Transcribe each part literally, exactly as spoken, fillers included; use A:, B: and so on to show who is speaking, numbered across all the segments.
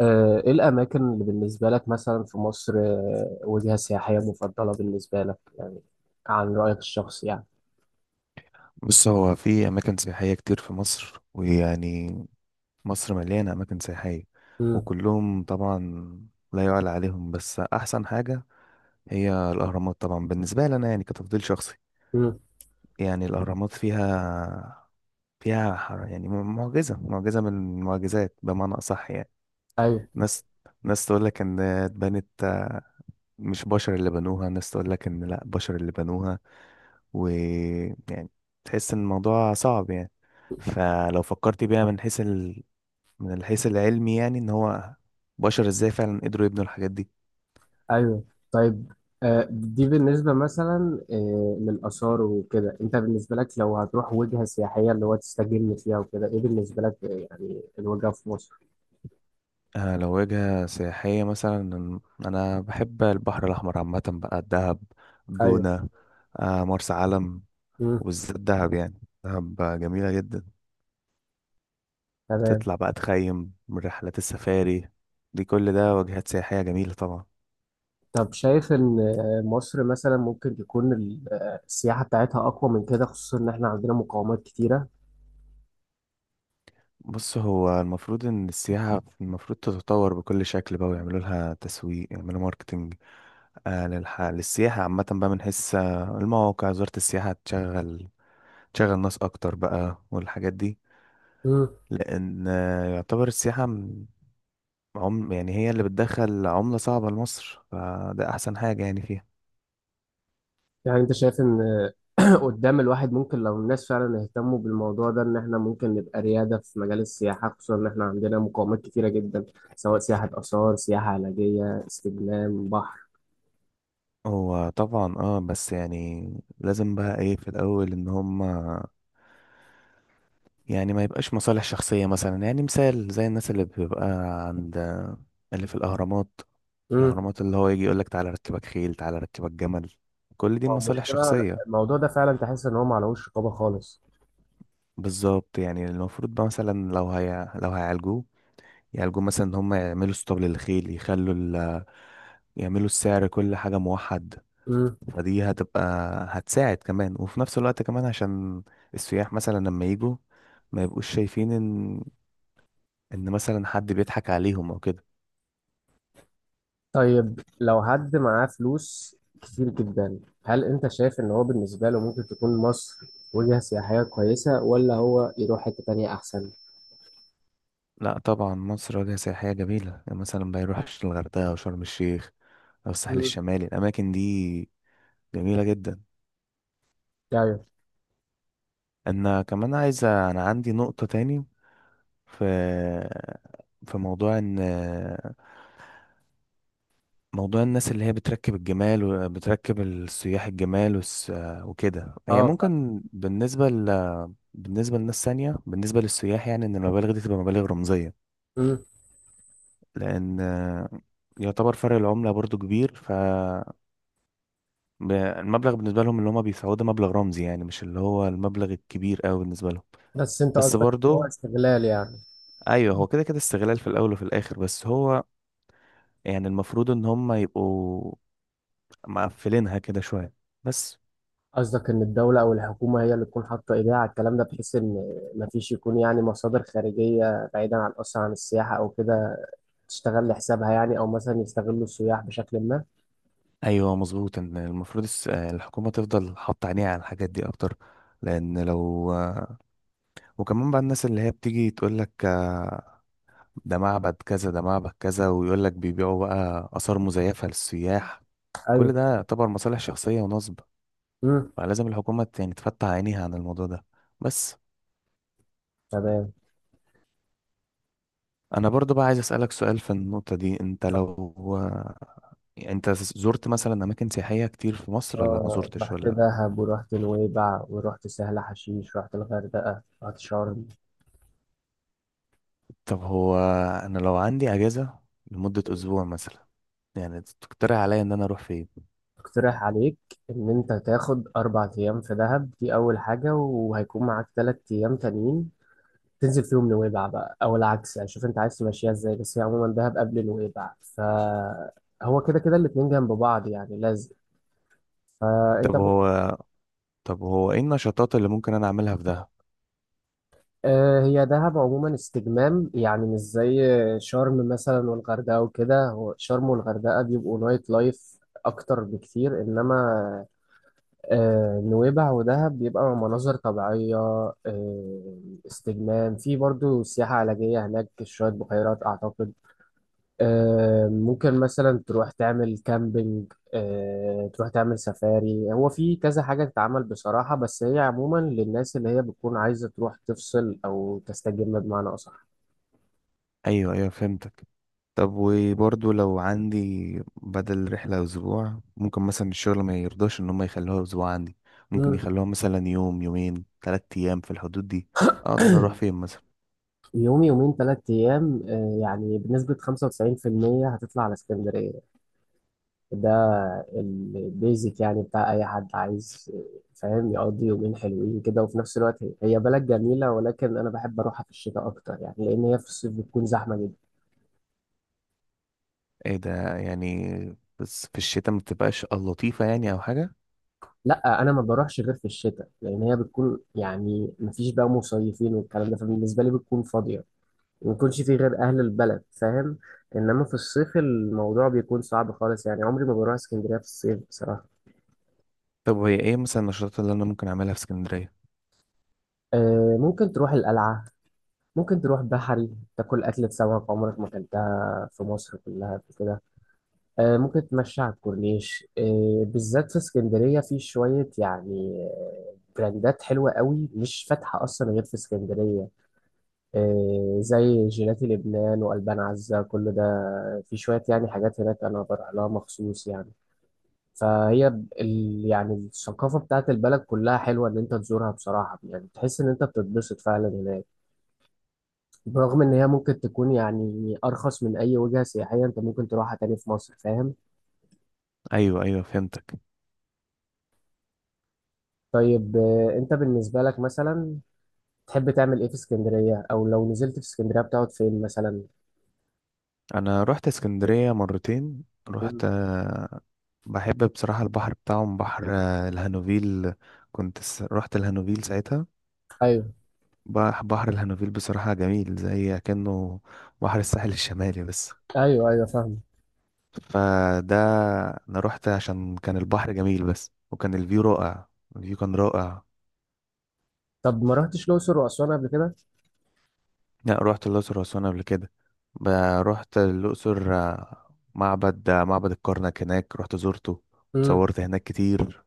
A: آه، ايه الاماكن اللي بالنسبه لك مثلا في مصر، آه، وجهه سياحيه مفضله بالنسبه لك يعني؟ عن رايك الشخصي يعني.
B: بص، هو في أماكن سياحية كتير في مصر. ويعني مصر مليانة أماكن سياحية،
A: امم.
B: وكلهم طبعا لا يعلى عليهم، بس أحسن حاجة هي الأهرامات طبعا بالنسبة لي أنا يعني كتفضيل شخصي.
A: امم.
B: يعني الأهرامات فيها فيها ح- يعني م- معجزة معجزة من المعجزات بمعنى أصح يعني.
A: ايوه.
B: ناس ناس تقول لك إن اتبنت مش بشر اللي بنوها، ناس تقول لك إن لأ بشر اللي بنوها. ويعني تحس إن الموضوع صعب يعني. فلو فكرت بيها من حيث من الحيث العلمي، يعني ان هو بشر ازاي فعلا قدروا يبنوا الحاجات دي.
A: ايوه. طيب. آه، دي بالنسبه مثلا آه، للاثار وكده، انت بالنسبه لك لو هتروح وجهه سياحيه اللي هو تستجم فيها وكده، ايه بالنسبه لك آه، يعني الوجهه في مصر؟
B: آه، لو وجهة سياحية مثلا، انا بحب البحر الاحمر عامة بقى: الدهب،
A: ايوه.
B: الجونة، آه مرسى علم.
A: امم.
B: وبالذات دهب، يعني دهب جميلة جدا،
A: تمام.
B: تطلع بقى تخيم من رحلات السفاري. دي كل ده وجهات سياحية جميلة طبعا.
A: طب شايف ان آه، مصر مثلا ممكن تكون ال- آه، السياحه بتاعتها اقوى من كده، خصوصا ان احنا عندنا مقاومات كتيره؟
B: بص، هو المفروض ان السياحة المفروض تتطور بكل شكل بقى، ويعملوا لها تسويق، يعملوا ماركتنج. آه للح... للسياحة عامة بقى، من حيث آه، المواقع، وزارة السياحة تشغل تشغل ناس أكتر بقى والحاجات دي. لأن آه، يعتبر السياحة م- عم... يعني هي اللي بتدخل عملة صعبة لمصر، فده أحسن حاجة يعني فيها.
A: يعني انت شايف ان قدام الواحد، ممكن لو الناس فعلا اهتموا بالموضوع ده، ان احنا ممكن نبقى ريادة في مجال السياحة، خصوصا ان احنا عندنا مقومات كتيرة جدا، سواء سياحة آثار، سياحة علاجية، استجمام، بحر؟
B: هو طبعا اه، بس يعني لازم بقى ايه في الأول، إن هما يعني ما يبقاش مصالح شخصية. مثلا يعني مثال زي الناس اللي بيبقى عند آه، اللي في الأهرامات،
A: امم.
B: الأهرامات، اللي هو يجي يقولك تعالى أركبك خيل، تعالى أركبك جمل. كل دي
A: هو
B: مصالح
A: المشكلة
B: شخصية.
A: الموضوع ده فعلا، تحس ان هو معلهوش رقابة خالص.
B: بالظبط، يعني المفروض بقى مثلا لو هي لو هيعالجوه، يعالجوه مثلا ان هم يعملوا اسطبل للخيل، يخلوا ال... يعملوا السعر كل حاجة موحد.
A: امم.
B: فدي هتبقى هتساعد كمان، وفي نفس الوقت كمان عشان السياح مثلا لما يجوا ما يبقوش شايفين ان ان مثلا حد بيضحك عليهم او كده.
A: طيب، لو حد معاه فلوس كتير جدا، هل انت شايف ان هو بالنسبة له ممكن تكون مصر وجهة سياحية كويسة، ولا هو يروح حتة تانية احسن؟
B: لا طبعا، مصر وجهة سياحية جميلة. يعني مثلا ما يروحش الغردقة او شرم الشيخ او الساحل
A: امم.
B: الشمالي، الاماكن دي جميلة جدا.
A: ايوه.
B: انا كمان عايزة، انا عندي نقطة تاني في في موضوع ان موضوع الناس اللي هي بتركب الجمال وبتركب السياح الجمال والس- وكده، هي
A: اه.
B: ممكن بالنسبة ل... بالنسبة لناس تانية، بالنسبة للسياح، يعني ان المبالغ دي تبقى مبالغ رمزية. لان يعتبر فرق العملة برضو كبير، فالمبلغ بالنسبة لهم اللي هما بيدفعوه ده مبلغ رمزي، يعني مش اللي هو المبلغ الكبير قوي بالنسبة لهم.
A: بس انت
B: بس
A: قصدك إن هو
B: برضو
A: استغلال يعني؟
B: ايوه، هو كده كده استغلال في الاول وفي الاخر، بس هو يعني المفروض ان هم يبقوا مقفلينها كده شوية بس.
A: قصدك ان الدولة او الحكومة هي اللي تكون حاطة ايديها على الكلام ده، بحيث ان مفيش يكون يعني مصادر خارجية بعيدا عن اصلا عن السياحة او كده، تشتغل لحسابها يعني، او مثلا يستغلوا السياح بشكل ما؟
B: ايوه مظبوط، ان المفروض الس- الحكومة تفضل حاطة عينيها على الحاجات دي اكتر. لان لو وكمان بقى الناس اللي هي بتيجي تقول لك ده معبد كذا، ده معبد كذا، ويقول لك بيبيعوا بقى آثار مزيفة للسياح، كل
A: ايوه.
B: ده يعتبر مصالح شخصية ونصب.
A: امم.
B: فلازم الحكومة ت- يعني تفتح عينيها عن الموضوع ده بس.
A: تمام.
B: أنا برضو بقى عايز أسألك سؤال في النقطة دي، أنت
A: طب،
B: لو يعني أنت زرت مثلا أماكن سياحية كتير في مصر ولا ما
A: آه،
B: زرتش
A: رحت
B: ولا؟
A: دهب، ورحت نويبع، ورحت سهل حشيش، رحت الغردقة، رحت شرم.
B: طب هو انا لو عندي اجازه لمده اسبوع مثلا، يعني تقترح عليا ان انا اروح فين؟
A: اقترح عليك ان انت تاخد اربع ايام في دهب، دي اول حاجة، وهيكون معاك تلات ايام تانيين. تنزل في يوم نويبع بقى، او العكس يعني، شوف انت عايز تمشيها ازاي، بس هي عموما دهب قبل نويبع، فهو كده كده الاتنين جنب بعض يعني لازم.
B: طب
A: فانت ممكن.
B: هو طب هو ايه النشاطات اللي ممكن انا اعملها في دهب؟
A: آه، هي دهب عموما استجمام، يعني مش زي شرم مثلا والغردقه وكده. هو شرم والغردقه بيبقوا نايت لايف اكتر بكتير، انما آه، نويبع ودهب بيبقى مناظر طبيعيه، آه، استجمام، في برضو سياحه علاجيه هناك، شويه بحيرات اعتقد. آه، ممكن مثلا تروح تعمل كامبينج، آه، تروح تعمل سفاري، هو في كذا حاجة تتعمل بصراحة، بس هي عموما للناس اللي هي بتكون عايزة تروح تفصل أو تستجم بمعنى أصح.
B: ايوه ايوه، فهمتك. طب وبرضه لو عندي بدل رحله اسبوع، ممكن مثلا الشغل ما يرضاش ان هم يخلوها اسبوع عندي، ممكن
A: مم.
B: يخلوها مثلا يوم، يومين، ثلاث ايام في الحدود دي، اقدر اروح فين مثلا؟
A: يوم، يومين، تلات أيام، آه، يعني بنسبة خمسة وتسعين في المية هتطلع على اسكندرية. ده البيزك يعني بتاع أي حد عايز، آه، فاهم، يقضي يومين حلوين كده. وفي نفس الوقت هي هي بلد جميلة، ولكن أنا بحب أروحها في الشتاء أكتر يعني، لأن هي في الصيف بتكون زحمة.
B: ايه ده؟ يعني بس في الشتاء ما بتبقاش لطيفه يعني او حاجه؟
A: لا، انا ما بروحش غير في الشتاء، لان هي بتكون يعني ما فيش بقى مصيفين والكلام ده، فبالنسبه لي بتكون فاضيه، ما يكونش في غير اهل البلد، فاهم. انما في الصيف الموضوع بيكون صعب خالص يعني، عمري ما بروح اسكندريه في الصيف بصراحه.
B: طب وهي ايه مثلا النشاطات اللي انا ممكن اعملها في اسكندريه؟
A: أه ممكن تروح القلعه، ممكن تروح بحري، تاكل اكله سمك عمرك ما اكلتها في مصر كلها قبل كده. أه ممكن تمشي على الكورنيش. أه بالذات في اسكندريه في شويه يعني آه، براندات حلوه قوي مش فاتحه اصلا غير في اسكندريه. إيه، زي جيلاتي لبنان وألبان عزة، كل ده. في شوية يعني حاجات هناك أنا بروح لها مخصوص يعني. فهي ب- ال يعني الثقافة بتاعت البلد كلها حلوة إن أنت تزورها بصراحة يعني، تحس إن أنت بتتبسط فعلا هناك. برغم إن هي ممكن تكون يعني أرخص من أي وجهة سياحية أنت ممكن تروحها تاني في مصر، فاهم.
B: ايوه ايوه، فهمتك.
A: طيب، آه، أنت بالنسبة لك مثلا تحب تعمل إيه في اسكندرية، أو لو نزلت في اسكندرية بتقعد فين مثلا؟
B: انا رحت اسكندريه مرتين. رحت
A: مم.
B: آه، بحب بصراحه البحر بتاعهم، بحر آه، الهانوفيل. كنت س... رحت الهانوفيل ساعتها.
A: أيوه.
B: بح- بحر الهانوفيل بصراحه جميل، زي كأنه بحر الساحل الشمالي بس.
A: أيوه. أيوه، فاهم.
B: فده، انا رحت عشان كان البحر جميل بس، وكان الفيو رائع، الفيو كان رائع.
A: طب ما رحتش الأقصر وأسوان قبل كده؟
B: لا رحت الأقصر وأسوان قبل كده. ب- رحت الأقصر، آه، معبد آه، معبد الكرنك هناك رحت زرته، اتصورت هناك كتير.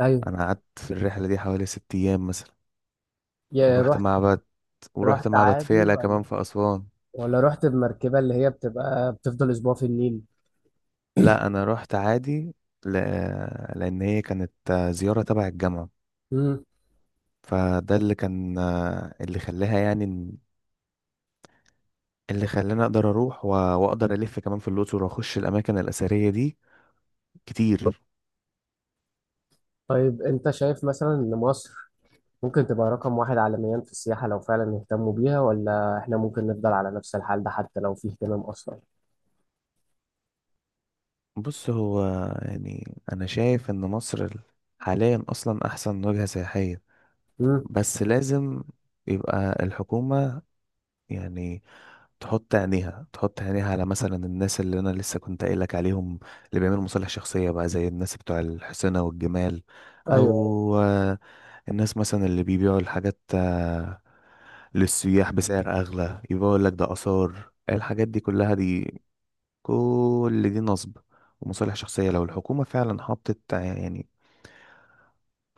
A: ايوه.
B: أنا قعدت في الرحلة دي حوالي ست أيام مثلا.
A: يا
B: ورحت
A: رحت.
B: معبد ورحت
A: رحت
B: معبد
A: عادي،
B: فيلة كمان
A: ولا
B: في أسوان.
A: ولا رحت بمركبه اللي هي بتبقى بتفضل اسبوع في النيل؟
B: لا أنا رحت عادي، ل... لأن هي كانت آه، زيارة تبع الجامعة.
A: امم.
B: فده اللي كان آه، اللي خلاها يعني إن- اللي خلاني أقدر أروح و... وأقدر ألف كمان في الأقصر وأخش الأماكن الأثرية دي كتير.
A: طيب، انت شايف مثلا ان مصر ممكن تبقى رقم واحد عالميا في السياحه لو فعلا اهتموا بيها، ولا احنا ممكن نفضل على نفس الحال ده حتى لو في اهتمام اصلا؟
B: بص هو، يعني انا شايف ان مصر ال- حاليا اصلا احسن وجهة سياحية،
A: امم.
B: بس لازم يبقى الحكومة يعني تحط عينيها تحط عينيها على مثلا الناس اللي انا لسه كنت قايل لك عليهم، اللي بيعملوا مصالح شخصية بقى زي الناس بتوع الحسنة والجمال.
A: ايوه.
B: او آه، الناس مثلا اللي بيبيعوا الحاجات آه، للسياح بسعر اغلى، يبقى يقول لك ده آثار، الحاجات دي كلها دي كل دي نصب ومصالح شخصية. لو الحكومة فعلا حطت ع- يعني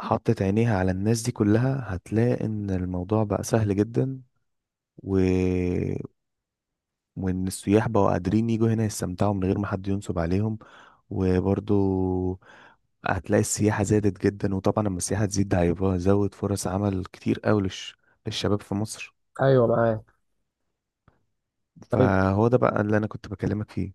B: حطت عينيها على الناس دي كلها، هتلاقي ان الموضوع بقى سهل جدا، و... وان السياح بقوا قادرين يجوا هنا يستمتعوا من غير ما حد ينصب عليهم. وبرضو هتلاقي السياحة زادت جدا، وطبعا لما السياحة تزيد ده هيبقى زود فرص عمل كتير قوي للش... للشباب في مصر.
A: ايوه، معاك. طيب،
B: فهو ده بقى اللي انا كنت بكلمك فيه.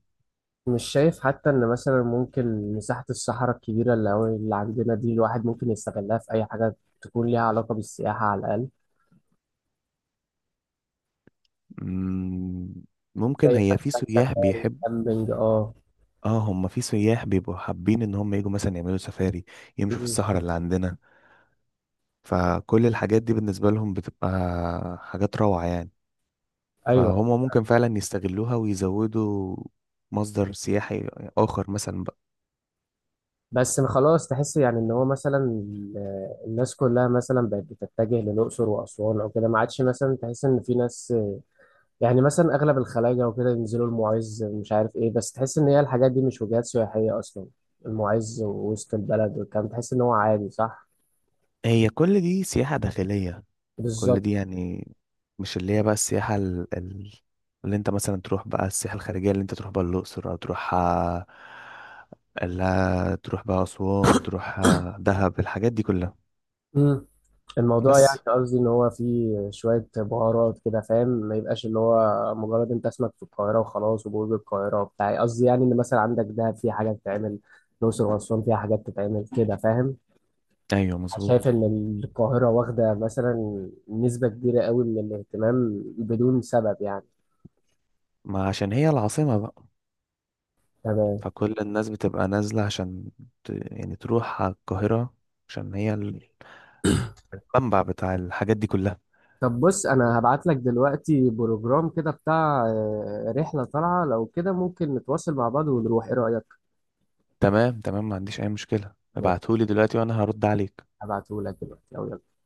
A: مش شايف حتى ان مثلا ممكن مساحه الصحراء الكبيره اللي هو- اللي عندنا دي، الواحد ممكن يستغلها في اي حاجه تكون ليها علاقه بالسياحه على الاقل،
B: مم، ممكن.
A: زي
B: هي في
A: مثلا
B: سياح
A: سفاري،
B: بيحبوا،
A: كامبينج، اه؟
B: اه هم في سياح بيبقوا حابين ان هم يجوا مثلا يعملوا سفاري، يمشوا في
A: امم.
B: الصحراء اللي عندنا. فكل الحاجات دي بالنسبة لهم بتبقى حاجات روعة يعني،
A: ايوه.
B: فهم ممكن فعلا يستغلوها ويزودوا مصدر سياحي آخر مثلا بقى.
A: بس خلاص تحس يعني ان هو مثلا ال- الناس كلها مثلا بقت بتتجه للاقصر واسوان او كده، ما عادش مثلا تحس ان في ناس يعني مثلا اغلب الخلايجه وكده ينزلوا المعز، مش عارف ايه، بس تحس ان هي الحاجات دي مش وجهات سياحيه اصلا. المعز ووسط البلد والكلام، تحس ان هو عادي، صح؟
B: هي كل دي سياحة داخلية، كل دي
A: بالظبط.
B: يعني مش اللي هي بقى السياحة ال... ال... اللي انت مثلا تروح بقى السياحة الخارجية، اللي انت تروح بقى الأقصر، أو تروح آه، لا تروح بقى أسوان، تروح آه، دهب، الحاجات دي كلها
A: مم. الموضوع يعني
B: بس.
A: قصدي ان هو فيه شوية بهارات كده، فاهم، ما يبقاش اللي هو مجرد انت اسمك في القاهرة وخلاص، وبرج القاهرة وبتاع. قصدي يعني ان مثلا عندك دهب فيها حاجات تتعمل، الأقصر وأسوان فيها حاجات تتعمل كده، فاهم.
B: ايوه
A: شايف
B: مظبوط،
A: ان القاهرة واخدة مثلا نسبة كبيرة قوي من الاهتمام بدون سبب يعني.
B: ما عشان هي العاصمة بقى،
A: تمام.
B: فكل الناس بتبقى نازلة عشان ت... يعني تروح على القاهرة، عشان هي ال- المنبع بتاع الحاجات دي كلها.
A: طب بص، انا هبعت لك دلوقتي بروجرام كده بتاع آه، رحلة طالعة، لو كده ممكن نتواصل مع بعض ونروح، ايه رأيك؟
B: تمام تمام، ما عنديش اي مشكلة، ابعتهولي دلوقتي وانا هرد عليك.
A: هبعته لك دلوقتي، أو يلا.